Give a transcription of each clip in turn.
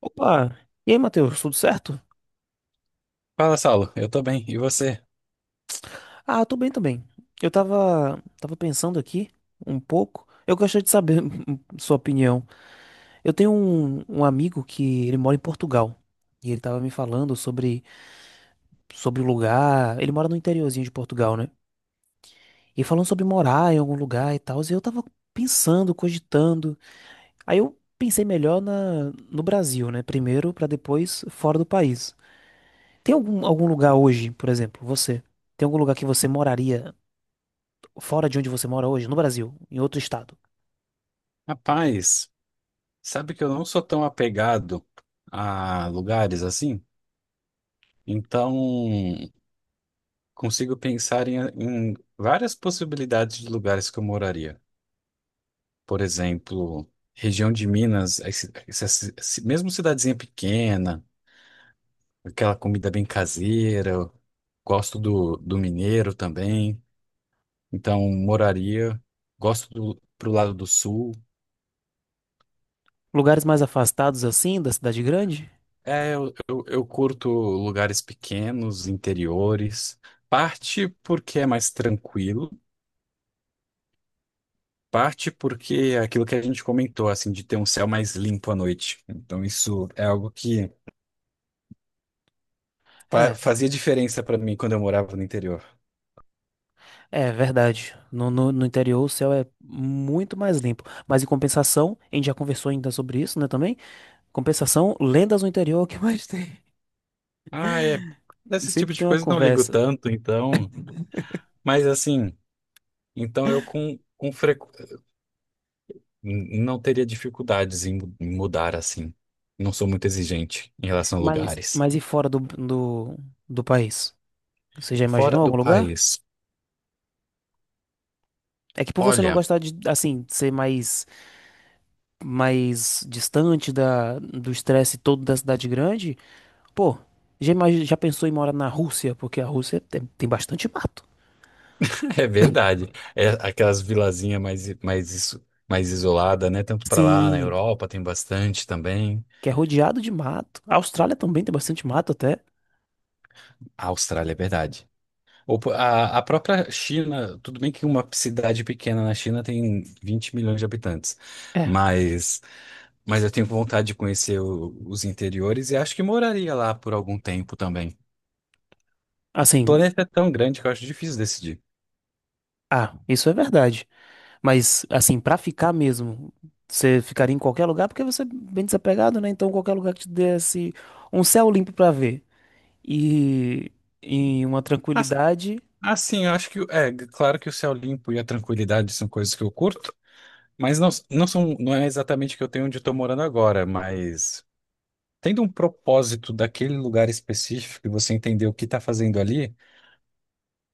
Opa! E aí, Matheus, tudo certo? Fala, Saulo. Eu tô bem. E você? Ah, tô bem também. Eu tava pensando aqui um pouco. Eu gostaria de saber sua opinião. Eu tenho um amigo que ele mora em Portugal. E ele tava me falando sobre o lugar. Ele mora no interiorzinho de Portugal, né? E falando sobre morar em algum lugar e tal. E eu tava pensando, cogitando. Aí eu pensei melhor no Brasil, né? Primeiro, pra depois fora do país. Tem algum lugar hoje, por exemplo, você? Tem algum lugar que você moraria fora de onde você mora hoje, no Brasil, em outro estado. Rapaz, sabe que eu não sou tão apegado a lugares assim? Então, consigo pensar em várias possibilidades de lugares que eu moraria. Por exemplo, região de Minas, mesmo cidadezinha pequena, aquela comida bem caseira. Eu Gosto do mineiro também. Então, moraria. Gosto do, pro lado do sul. Lugares mais afastados assim da cidade grande? É, eu curto lugares pequenos, interiores, parte porque é mais tranquilo, parte porque é aquilo que a gente comentou, assim, de ter um céu mais limpo à noite. Então, isso é algo que É, fazia diferença para mim quando eu morava no interior. é verdade. No interior o céu é muito mais limpo. Mas em compensação, a gente já conversou ainda sobre isso, né, também? Compensação, lendas no interior, o que mais tem? Ah, é. Desse tipo Sempre de tem uma coisa eu não ligo conversa. tanto, então. Mas, assim, então eu não teria dificuldades em em mudar, assim. Não sou muito exigente em relação a Mas, lugares. mas e fora do país? Você já Fora imaginou do algum lugar? país. É que por você não Olha. gostar de, assim, ser mais distante do estresse todo da cidade grande. Pô, já pensou em morar na Rússia? Porque a Rússia tem bastante mato. É verdade. É aquelas vilazinhas mais isolada, né? Tanto para lá, na Sim, Europa tem bastante também. que é rodeado de mato. A Austrália também tem bastante mato até. A Austrália, é verdade. Ou A própria China, tudo bem que uma cidade pequena na China tem 20 milhões de habitantes, É, mas, mas eu tenho vontade de conhecer os interiores e acho que moraria lá por algum tempo também. O assim, planeta é tão grande que eu acho difícil decidir. ah, isso é verdade. Mas, assim, pra ficar mesmo, você ficaria em qualquer lugar porque você é bem desapegado, né? Então, qualquer lugar que te desse um céu limpo pra ver e uma Mas, tranquilidade. assim, eu acho que, é, claro que o céu limpo e a tranquilidade são coisas que eu curto, mas não é exatamente que eu tenho onde eu tô morando agora, mas tendo um propósito daquele lugar específico e você entender o que está fazendo ali,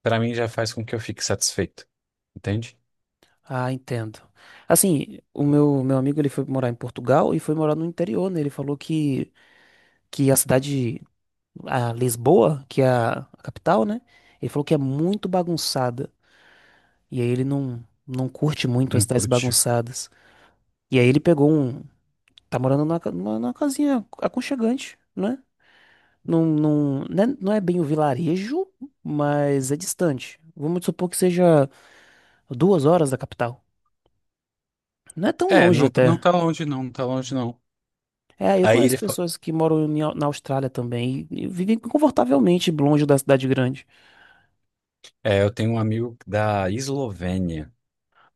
para mim já faz com que eu fique satisfeito, entende? Ah, entendo. Assim, o meu amigo ele foi morar em Portugal e foi morar no interior, né? Ele falou que a cidade, a Lisboa, que é a capital, né? Ele falou que é muito bagunçada. E aí ele não curte muito as Não cidades curte. bagunçadas. E aí ele pegou um. Tá morando numa casinha aconchegante, né? Não, né, não é bem o vilarejo, mas é distante. Vamos supor que seja 2 horas da capital. Não é tão É, longe não, não até. tá longe não, não tá longe não. É, eu Aí ele conheço fa- pessoas que moram na Austrália também e vivem confortavelmente longe da cidade grande. é, eu tenho um amigo da Eslovênia,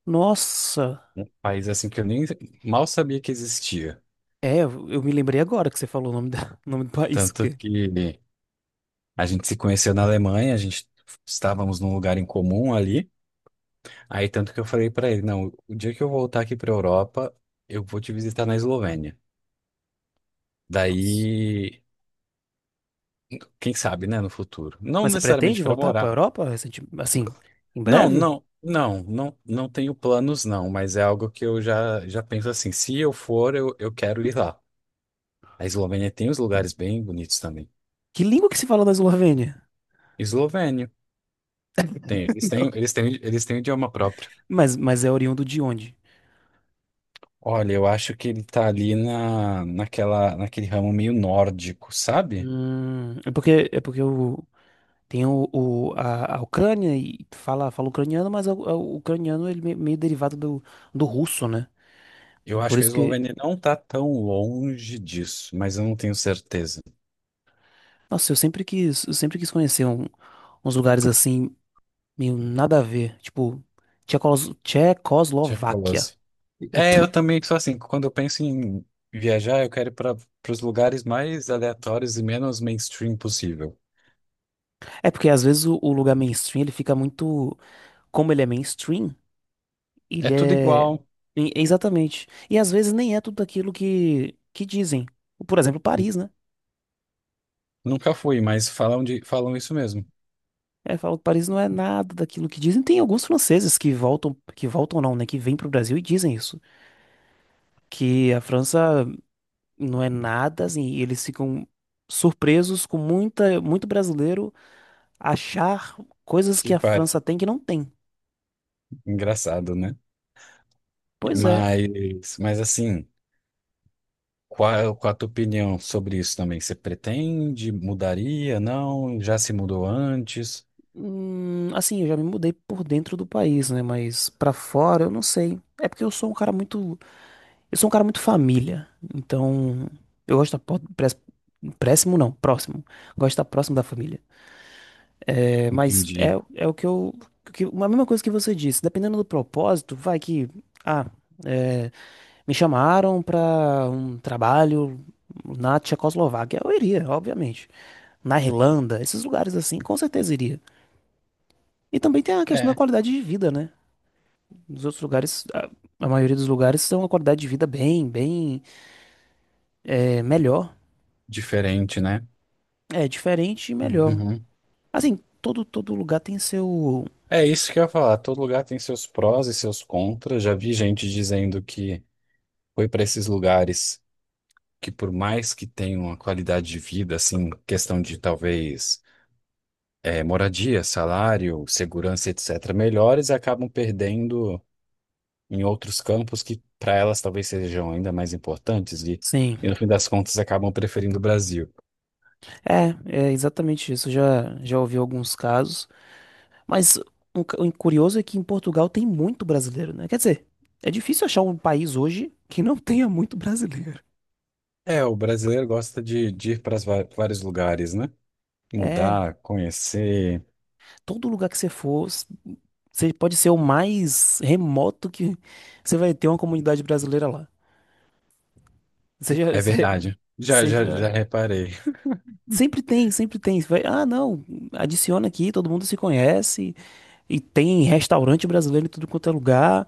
Nossa, um país assim que eu nem mal sabia que existia. é, eu me lembrei agora que você falou o nome, da, o nome do país. O Tanto quê? que a gente se conheceu na Alemanha, a gente estávamos num lugar em comum ali. Aí tanto que eu falei pra ele, não, o dia que eu voltar aqui pra Europa, eu vou te visitar na Eslovênia. Nossa. Daí, quem sabe, né, no futuro. Não Mas você necessariamente pretende pra voltar para a morar. Europa recente, assim, em breve? Não tenho planos não, mas é algo que eu já já penso assim, se eu for, eu quero ir lá. A Eslovênia tem uns lugares bem bonitos também. Que língua que se fala na Eslovênia? Eslovênio, tem, eles têm idioma próprio. Mas é oriundo de onde? Olha, eu acho que ele tá ali naquele ramo meio nórdico, sabe? É porque eu tenho a Ucrânia e fala ucraniano, mas o ucraniano ele meio derivado do russo, né? Eu Por acho que a isso que, Eslovênia não tá tão longe disso, mas eu não tenho certeza. nossa, eu sempre quis conhecer uns lugares assim meio nada a ver, tipo Tchecos, Tchecoslováquia. Tchecoloslováquia. É, eu também sou assim, quando eu penso em viajar, eu quero ir para os lugares mais aleatórios e menos mainstream possível. É porque às vezes o lugar mainstream ele fica muito. Como ele é mainstream, É ele tudo é. igual. Exatamente. E às vezes nem é tudo aquilo que dizem. Por exemplo, N- Paris, né? Nunca fui, mas falam isso mesmo. É, falam que Paris não é nada daquilo que dizem. Tem alguns franceses que voltam não, né? Que vêm pro Brasil e dizem isso. Que a França não é nada, assim, e eles ficam surpresos com muito brasileiro achar coisas Que que a par... França tem que não tem. engraçado, né? Pois é. Mas assim, qual a tua opinião sobre isso também? Você pretende? Mudaria? Não? Já se mudou antes? Assim, eu já me mudei por dentro do país, né? Mas pra fora eu não sei. É porque eu sou um cara muito, eu sou um cara muito família. Então, eu gosto de estar próximo, não, próximo. Gosto de estar próximo da família. É, mas Entendi. é o que a mesma coisa que você disse. Dependendo do propósito, vai que, ah, é, me chamaram pra um trabalho na Tchecoslováquia, eu iria, obviamente. Na Irlanda, esses lugares assim, com certeza iria. E também tem a questão da É, qualidade de vida, né? Nos outros lugares, a maioria dos lugares tem uma qualidade de vida bem, é, melhor. diferente, né? É diferente e melhor. Uhum. Assim, todo lugar tem seu. É isso que eu ia falar. Todo lugar tem seus prós e seus contras. Já vi gente dizendo que foi para esses lugares que, por mais que tenham uma qualidade de vida, assim, questão de talvez é, moradia, salário, segurança, etc., melhores, acabam perdendo em outros campos que para elas talvez sejam ainda mais importantes Sim, e no fim das contas acabam preferindo o Brasil. é, é exatamente isso. Eu já ouvi alguns casos, mas o curioso é que em Portugal tem muito brasileiro, né? Quer dizer, é difícil achar um país hoje que não tenha muito brasileiro. É, o brasileiro gosta de ir para vários lugares, né? É, Mudar, conhecer. todo lugar que você for, você pode ser o mais remoto que você vai ter uma comunidade brasileira lá. Seja, É se- verdade. Seja Já reparei. Sempre tem, sempre tem. Você vai, ah, não, adiciona aqui, todo mundo se conhece. E tem restaurante brasileiro em tudo quanto é lugar.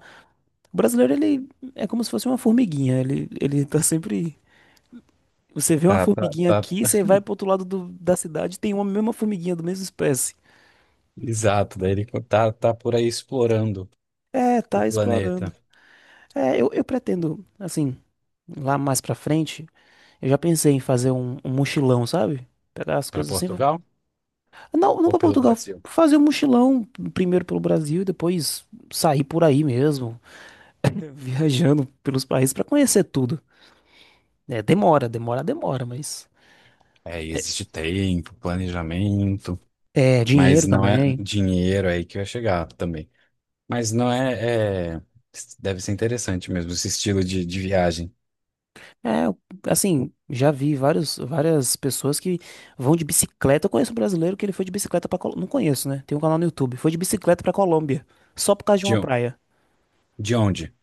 O brasileiro, ele é como se fosse uma formiguinha. Ele tá sempre. Você vê uma formiguinha Tá. aqui, você vai pro outro lado da cidade, tem uma mesma formiguinha, do mesmo espécie. Exato. Daí ele tá por aí explorando É, o tá planeta. explorando. É, eu pretendo, assim, lá mais pra frente, eu já pensei em fazer um mochilão, sabe? Pegar as Para coisas assim, Portugal não, não ou para pelo Portugal, Brasil? fazer um mochilão primeiro pelo Brasil e depois sair por aí mesmo, viajando pelos países para conhecer tudo. É, demora, mas É, é, existe tempo, planejamento, é, mas dinheiro não é também. dinheiro aí que vai chegar também. Mas não é, deve ser interessante mesmo esse estilo de viagem. É, assim, já vi várias pessoas que vão de bicicleta. Eu conheço um brasileiro que ele foi de bicicleta para Colômbia. Não conheço, né? Tem um canal no YouTube. Foi de bicicleta para Colômbia, só por causa de De, uma on- praia. de onde?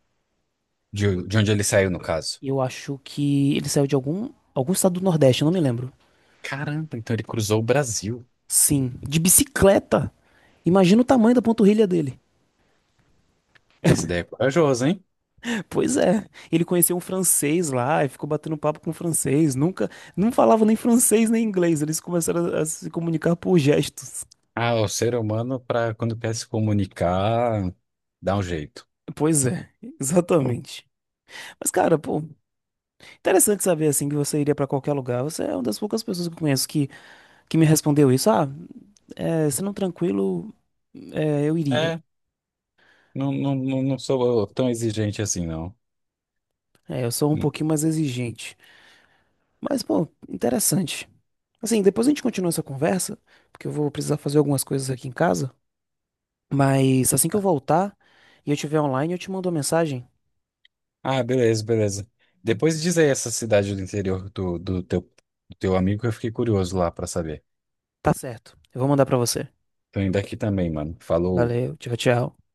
De onde ele saiu, no caso? Eu acho que ele saiu de algum estado do Nordeste, eu não me lembro. Caramba, então ele cruzou o Brasil. Sim, de bicicleta. Imagina o tamanho da panturrilha dele. Esse daí é corajoso, hein? Pois é, ele conheceu um francês lá e ficou batendo papo com o francês. Nunca, não falava nem francês nem inglês. Eles começaram a se comunicar por gestos. Ah, o ser humano, para quando quer se comunicar, dá um jeito. Pois é, exatamente. Mas cara, pô, interessante saber assim que você iria pra qualquer lugar. Você é uma das poucas pessoas que eu conheço que me respondeu isso. Ah, é, sendo tranquilo, é, eu iria. É, não sou tão exigente assim, não. É, eu sou um pouquinho mais exigente. Mas pô, interessante. Assim, depois a gente continua essa conversa, porque eu vou precisar fazer algumas coisas aqui em casa. Mas assim que eu voltar e eu estiver online, eu te mando uma mensagem. Ah, beleza, beleza. Depois diz aí essa cidade do interior do teu amigo que eu fiquei curioso lá pra saber. Tá certo. Eu vou mandar pra você. Tô indo aqui também, mano. Falou. Valeu, tchau, tchau.